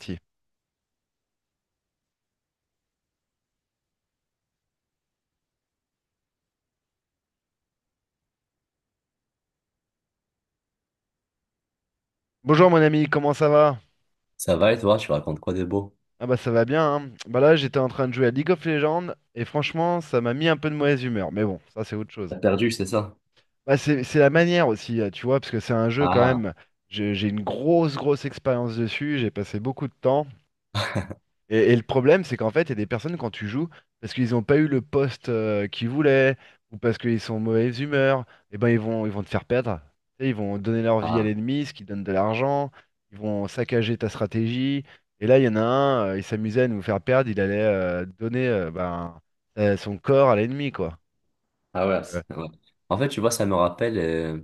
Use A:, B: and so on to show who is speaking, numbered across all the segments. A: Si. Bonjour mon ami, comment ça va?
B: Ça va et toi, tu racontes quoi de beau?
A: Ah bah ça va bien, hein. Bah là j'étais en train de jouer à League of Legends et franchement ça m'a mis un peu de mauvaise humeur, mais bon, ça c'est autre chose.
B: T'as perdu, c'est ça?
A: Bah c'est la manière aussi, tu vois, parce que c'est un jeu quand
B: Ah,
A: même, j'ai une grosse grosse expérience dessus, j'ai passé beaucoup de temps. Et le problème, c'est qu'en fait, il y a des personnes quand tu joues, parce qu'ils n'ont pas eu le poste qu'ils voulaient, ou parce qu'ils sont en mauvaise humeur, et ben ils vont te faire perdre. Tu sais, ils vont donner leur vie à
B: ah.
A: l'ennemi, ce qui donne de l'argent, ils vont saccager ta stratégie. Et là, il y en a un, il s'amusait à nous faire perdre, il allait donner son corps à l'ennemi, quoi.
B: Ah
A: Donc,
B: ouais. Ouais. En fait, tu vois, ça me rappelle, euh,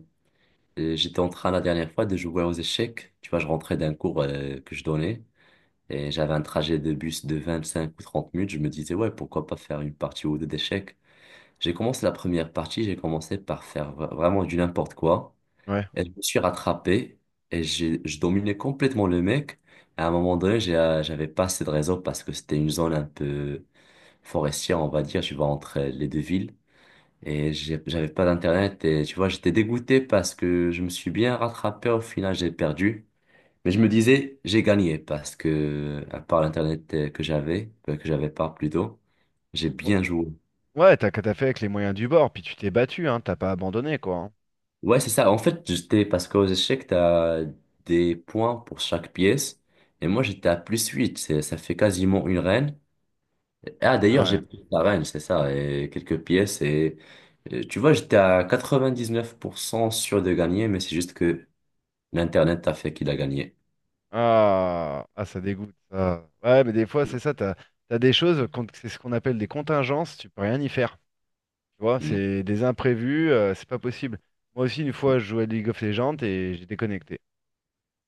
B: euh, j'étais en train la dernière fois de jouer aux échecs. Tu vois, je rentrais d'un cours que je donnais et j'avais un trajet de bus de 25 ou 30 minutes. Je me disais, ouais, pourquoi pas faire une partie ou deux d'échecs? J'ai commencé la première partie, j'ai commencé par faire vraiment du n'importe quoi.
A: ouais.
B: Et je me suis rattrapé et je dominais complètement le mec. À un moment donné, j'avais pas assez de réseau parce que c'était une zone un peu forestière, on va dire, tu vois, entre les deux villes. Et j'avais pas d'internet et tu vois, j'étais dégoûté parce que je me suis bien rattrapé. Au final, j'ai perdu. Mais je me disais, j'ai gagné parce que, à part l'internet que j'avais pas plutôt, j'ai bien joué.
A: Ouais, t'as fait avec les moyens du bord, puis tu t'es battu, hein, t'as pas abandonné, quoi, hein.
B: Ouais, c'est ça. En fait, j'étais, parce qu'aux échecs, t'as des points pour chaque pièce. Et moi, j'étais à +8. Ça fait quasiment une reine. Ah,
A: Ah
B: d'ailleurs, j'ai
A: ouais.
B: pris la reine, c'est ça, et quelques pièces. Et tu vois, j'étais à 99% sûr de gagner, mais c'est juste que l'Internet a fait qu'il a gagné.
A: Ah, ah, ça dégoûte, ça. Ouais, mais des fois, c'est ça, t'as des choses, c'est ce qu'on appelle des contingences, tu peux rien y faire. Tu vois,
B: Mm.
A: c'est des imprévus, c'est pas possible. Moi aussi, une fois, je jouais à League of Legends et j'ai déconnecté.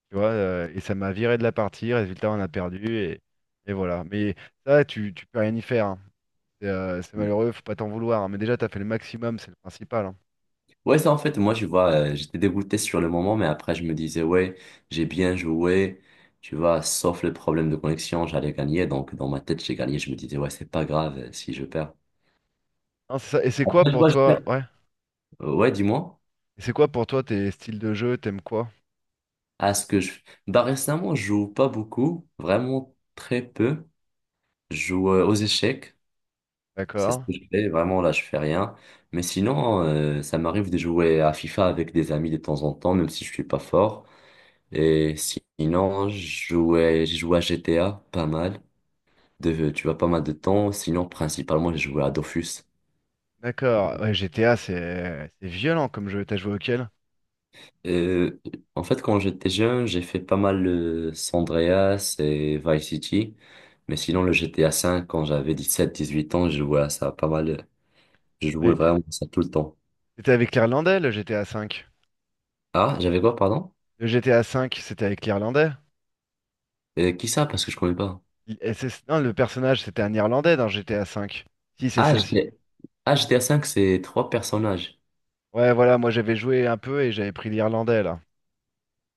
A: Tu vois, et ça m'a viré de la partie, résultat, on a perdu, et voilà. Mais ça, tu peux rien y faire, hein. C'est malheureux, faut pas t'en vouloir, hein. Mais déjà, t'as fait le maximum, c'est le principal, hein.
B: Ouais, ça, en fait, moi, tu vois, j'étais dégoûté sur le moment, mais après, je me disais, ouais, j'ai bien joué, tu vois, sauf le problème de connexion, j'allais gagner. Donc, dans ma tête, j'ai gagné. Je me disais, ouais, c'est pas grave si je perds.
A: Non, c'est ça. Et c'est quoi
B: Après, tu
A: pour
B: vois, je
A: toi,
B: perds.
A: ouais.
B: Ouais, dis-moi.
A: Et c'est quoi pour toi tes styles de jeu, t'aimes quoi?
B: À ce que je. Bah, récemment, je joue pas beaucoup, vraiment très peu. Je joue aux échecs, c'est ce
A: D'accord.
B: que je fais, vraiment là je fais rien. Mais sinon, ça m'arrive de jouer à FIFA avec des amis de temps en temps, même si je suis pas fort. Et sinon, j'ai joué à GTA pas mal, de, tu vois, pas mal de temps. Sinon, principalement, j'ai joué à Dofus.
A: D'accord, ouais, GTA, c'est violent comme jeu. T'as joué auquel?
B: Euh, en fait, quand j'étais jeune, j'ai fait pas mal le San Andreas et Vice City. Mais sinon, le GTA V, quand j'avais 17 18 ans, je jouais à ça pas mal. Je
A: Ah,
B: jouais
A: et-
B: vraiment à ça tout le temps.
A: C'était avec l'Irlandais, le GTA 5.
B: Ah, j'avais quoi, pardon?
A: Le GTA 5, c'était avec l'Irlandais.
B: Qui ça? Parce que je connais pas.
A: Non, le personnage, c'était un Irlandais dans GTA 5. Si, c'est
B: Ah,
A: ça, si.
B: GTA, ah, GTA 5 c'est trois personnages.
A: Ouais, voilà, moi j'avais joué un peu et j'avais pris l'Irlandais, là.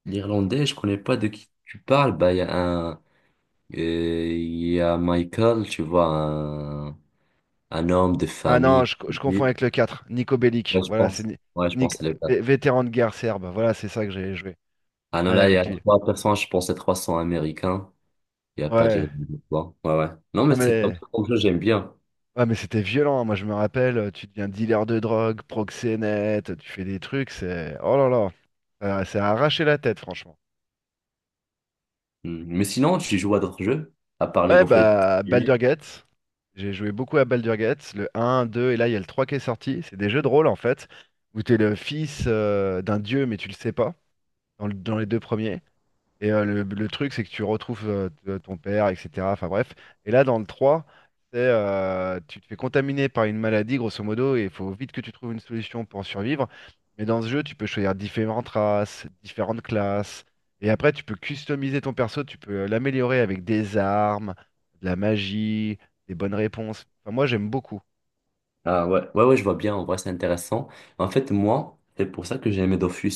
B: L'Irlandais, je connais pas de qui tu parles. Bah, il y a Michael, tu vois, un homme de
A: Ah non,
B: famille.
A: je confonds
B: Oui.
A: avec le 4, Nico Bellic.
B: Ouais, je
A: Voilà, c'est
B: pense.
A: Ni-
B: Ouais,
A: c'est
B: je
A: Nic-
B: pense que c'est le cas.
A: vé- vétéran de guerre serbe. Voilà, c'est ça que j'avais joué.
B: Ah
A: Ouais,
B: non, là, il y a
A: avec lui.
B: trois personnages, je pense c'est 300 américains. Il y a pas
A: Ouais.
B: d'Irlandais, quoi. Ouais, ouais. Non, mais
A: Non.
B: c'est pas mal comme jeu, j'aime bien.
A: Ah mais c'était violent, hein. Moi je me rappelle, tu deviens dealer de drogue, proxénète, tu fais des trucs. Oh là là, ça a arraché la tête, franchement.
B: Hmm. Mais sinon, tu joues à d'autres jeux, à part League
A: Ouais,
B: of
A: bah, Baldur's
B: Legends?
A: Gate, j'ai joué beaucoup à Baldur's Gate, le un, 2 et là, il y a le 3 qui est sorti. C'est des jeux de rôle, en fait, où t'es le fils d'un dieu, mais tu le sais pas, dans, dans les deux premiers. Et le truc, c'est que tu retrouves ton père, etc. Enfin bref. Et là, dans le 3, c'est tu te fais contaminer par une maladie, grosso modo, et il faut vite que tu trouves une solution pour survivre. Mais dans ce jeu, tu peux choisir différentes races, différentes classes. Et après, tu peux customiser ton perso, tu peux l'améliorer avec des armes, de la magie, des bonnes réponses. Enfin, moi, j'aime beaucoup.
B: Ah ouais, ouais, ouais, je vois bien, en vrai, c'est intéressant. En fait, moi, c'est pour ça que j'ai aimé Dofus.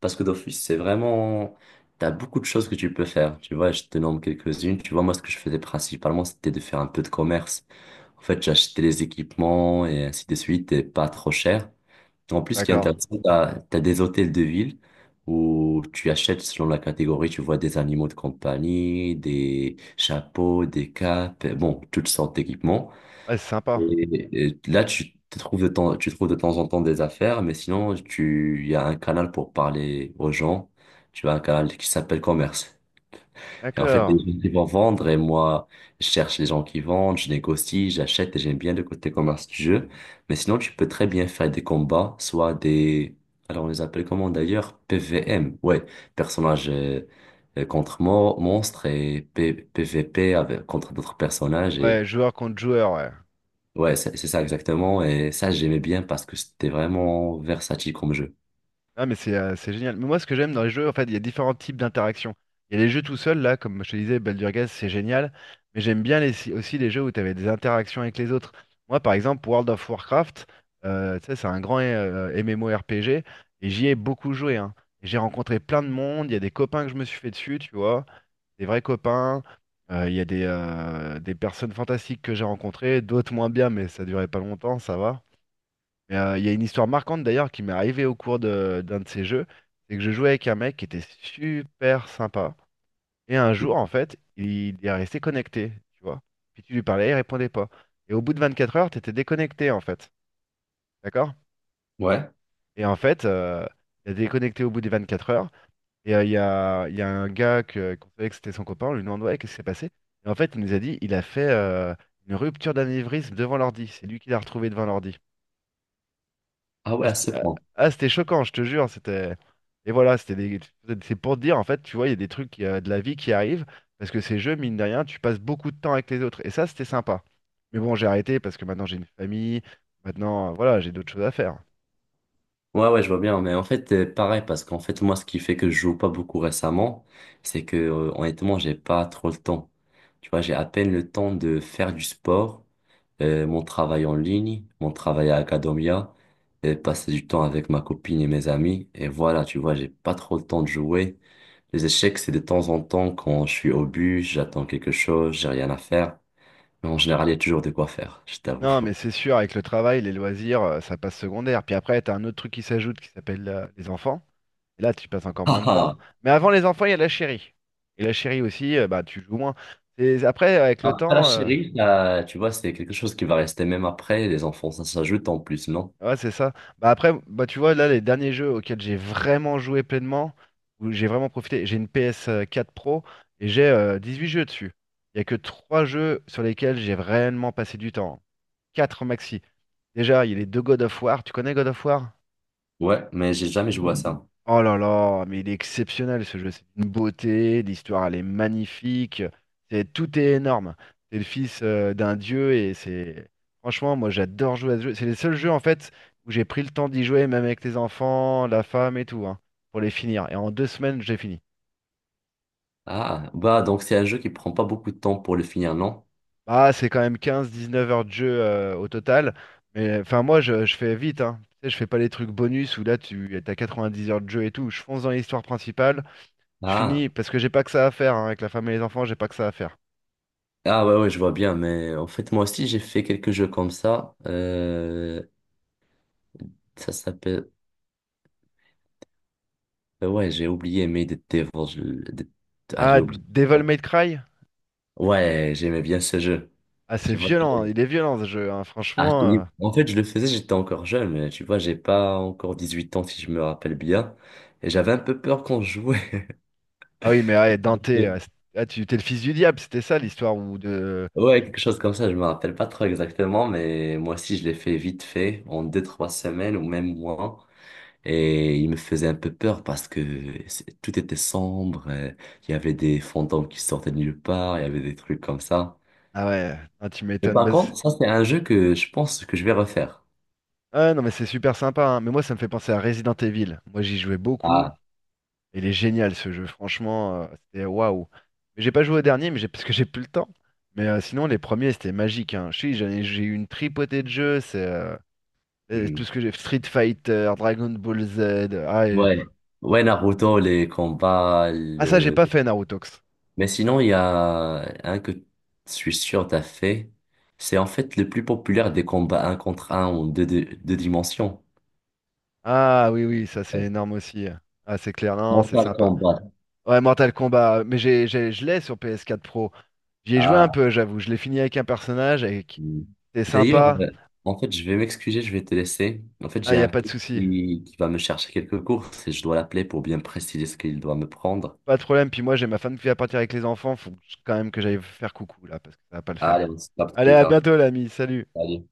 B: Parce que Dofus, c'est vraiment... T'as beaucoup de choses que tu peux faire. Tu vois, je te nomme quelques-unes. Tu vois, moi, ce que je faisais principalement, c'était de faire un peu de commerce. En fait, j'achetais les équipements et ainsi de suite, et pas trop cher. En plus, ce qui est
A: D'accord.
B: intéressant, t'as des hôtels de ville où tu achètes selon la catégorie, tu vois des animaux de compagnie, des chapeaux, des capes, bon, toutes sortes d'équipements.
A: Ouais, c'est sympa.
B: Et là, tu trouves de temps en temps des affaires, mais sinon, il y a un canal pour parler aux gens. Tu as un canal qui s'appelle commerce. Et en fait, les
A: D'accord.
B: gens qui vont vendre, et moi, je cherche les gens qui vendent, je négocie, j'achète, et j'aime bien le côté commerce du jeu. Mais sinon, tu peux très bien faire des combats, soit des, alors on les appelle comment d'ailleurs? PVM, ouais, personnage contre monstre et PVP avec, contre d'autres personnages.
A: Ouais, joueur contre joueur, ouais.
B: Ouais, c'est ça exactement. Et ça, j'aimais bien parce que c'était vraiment versatile comme jeu.
A: Ah mais c'est génial. Mais moi ce que j'aime dans les jeux, en fait, il y a différents types d'interactions. Il y a les jeux tout seuls, là, comme je te disais, Baldur's Gate, c'est génial. Mais j'aime bien si, aussi les jeux où tu avais des interactions avec les autres. Moi par exemple, World of Warcraft, tu sais, c'est un grand MMORPG et j'y ai beaucoup joué, hein. Et j'ai rencontré plein de monde, il y a des copains que je me suis fait dessus, tu vois, des vrais copains. Il y a des personnes fantastiques que j'ai rencontrées, d'autres moins bien, mais ça durait pas longtemps, ça va. Mais il y a une histoire marquante d'ailleurs qui m'est arrivée au cours d'un de ces jeux, c'est que je jouais avec un mec qui était super sympa. Et un
B: Mm.
A: jour, en fait, il est resté connecté, tu vois. Puis tu lui parlais, il répondait pas. Et au bout de 24 heures, t'étais déconnecté, en fait. D'accord?
B: Ouais.
A: Et en fait, il a déconnecté au bout des 24 heures. Et il y a un gars qu'on savait que c'était son copain, on lui demande, ouais, qu'est-ce qui s'est passé? Et en fait, il nous a dit, il a fait une rupture d'anévrisme devant l'ordi. C'est lui qui l'a retrouvé devant l'ordi.
B: Ah
A: Ah,
B: ouais, à
A: c'était
B: ce
A: ah,
B: point.
A: ah, c'était choquant, je te jure. Et voilà, c'est pour te dire, en fait, tu vois, il y a des trucs de la vie qui arrivent, parce que ces jeux, mine de rien, tu passes beaucoup de temps avec les autres. Et ça, c'était sympa. Mais bon, j'ai arrêté parce que maintenant j'ai une famille, maintenant, voilà, j'ai d'autres choses à faire.
B: Ouais, ouais, je vois bien. Mais en fait, pareil, parce qu'en fait, moi, ce qui fait que je joue pas beaucoup récemment, c'est que, honnêtement, j'ai pas trop le temps. Tu vois, j'ai à peine le temps de faire du sport, mon travail en ligne, mon travail à Academia, et passer du temps avec ma copine et mes amis. Et voilà, tu vois, j'ai pas trop le temps de jouer. Les échecs, c'est de temps en temps quand je suis au but, j'attends quelque chose, j'ai rien à faire. Mais en général, il y a toujours de quoi faire, je t'avoue.
A: Non, mais c'est sûr, avec le travail, les loisirs, ça passe secondaire. Puis après, t'as un autre truc qui s'ajoute qui s'appelle les enfants. Et là, tu passes encore moins de
B: Ah,
A: temps. Mais avant les enfants, il y a la chérie. Et la chérie aussi, bah, tu joues moins. Et après, avec le
B: ah. Après la
A: temps.
B: chérie, tu vois, c'est quelque chose qui va rester même après. Les enfants, ça s'ajoute en plus, non?
A: Ouais, c'est ça. Bah après, bah tu vois, là, les derniers jeux auxquels j'ai vraiment joué pleinement, où j'ai vraiment profité, j'ai une PS4 Pro et j'ai huit jeux dessus. Il n'y a que 3 jeux sur lesquels j'ai réellement passé du temps. Quatre maxi. Déjà, il y a les deux God of War. Tu connais God of War?
B: Ouais, mais j'ai jamais joué à ça.
A: Oh là là, mais il est exceptionnel ce jeu, c'est une beauté, l'histoire elle est magnifique, tout est énorme. C'est le fils d'un dieu. Franchement, moi j'adore jouer à ce jeu. C'est les seuls jeux en fait où j'ai pris le temps d'y jouer, même avec les enfants, la femme et tout, hein, pour les finir. Et en 2 semaines, j'ai fini.
B: Ah, bah donc c'est un jeu qui prend pas beaucoup de temps pour le finir, non?
A: Bah, c'est quand même 15-19 heures de jeu au total. Mais enfin, moi je fais vite, hein. Tu sais, je fais pas les trucs bonus où là tu as 10 heures de jeu et tout. Je fonce dans l'histoire principale. Je
B: Ah,
A: finis parce que j'ai pas que ça à faire, hein, avec la femme et les enfants, j'ai pas que ça à faire.
B: ah ouais, ouais, je vois bien. Mais en fait, moi aussi, j'ai fait quelques jeux comme ça. Ça s'appelle. Ouais, j'ai oublié, mais des Devils. Ah,
A: Ah,
B: j'ai oublié.
A: Devil May Cry?
B: Ouais, j'aimais bien ce jeu.
A: Ah, c'est
B: Tu vois,
A: violent, hein, il est violent ce jeu, hein,
B: ah,
A: franchement.
B: en fait, je le faisais, j'étais encore jeune, mais tu vois, j'ai pas encore 18 ans, si je me rappelle bien. Et j'avais un peu peur quand je jouais.
A: Ah oui, mais ah, Dante, ah, ah, tu t'es le fils du diable, c'était ça l'histoire où de.
B: Ouais, quelque chose comme ça, je me rappelle pas trop exactement, mais moi aussi, je l'ai fait vite fait, en 2, 3 semaines ou même moins. Et il me faisait un peu peur parce que tout était sombre, il y avait des fantômes qui sortaient de nulle part, il y avait des trucs comme ça.
A: Ah ouais, ah, tu
B: Mais
A: m'étonnes.
B: par
A: Bah,
B: contre, ça, c'est un jeu que je pense que je vais refaire.
A: ah non, mais c'est super sympa, hein. Mais moi ça me fait penser à Resident Evil. Moi j'y jouais beaucoup,
B: Ah.
A: et il est génial ce jeu, franchement, c'était waouh. Mais j'ai pas joué au dernier, mais j'ai parce que j'ai plus le temps. Mais sinon les premiers c'était magique, hein. Je sais, j'ai eu une tripotée de jeux. C'est. Et tout
B: Hmm.
A: ce que j'ai Street Fighter, Dragon Ball Z. Ah, et-
B: Ouais, ouais, Naruto, les combats,
A: ah, ça, j'ai
B: le...
A: pas fait Narutox.
B: Mais sinon, il y a un que je suis sûr t'as fait. C'est en fait le plus populaire des combats un contre un ou deux, deux, deux dimensions.
A: Ah oui, oui, ça c'est
B: Euh,
A: énorme aussi. Ah, c'est clair, non, c'est
B: Mortal
A: sympa.
B: Kombat.
A: Ouais, Mortal Kombat, mais je l'ai sur PS4 Pro. J'y ai joué un
B: Ah.
A: peu, j'avoue. Je l'ai fini avec un personnage.
B: Hmm.
A: C'est
B: D'ailleurs,
A: sympa.
B: en fait, je vais m'excuser, je vais te laisser. En fait,
A: Ah,
B: j'ai
A: y a
B: un
A: pas de
B: pote
A: souci.
B: qui va me chercher quelques courses et je dois l'appeler pour bien préciser ce qu'il doit me prendre.
A: Pas de problème. Puis moi, j'ai ma femme qui va partir avec les enfants. Faut que quand même que j'aille faire coucou là, parce que ça va pas le faire.
B: Allez, on se capte
A: Allez,
B: plus
A: à
B: tard.
A: bientôt, l'ami. Salut.
B: Salut.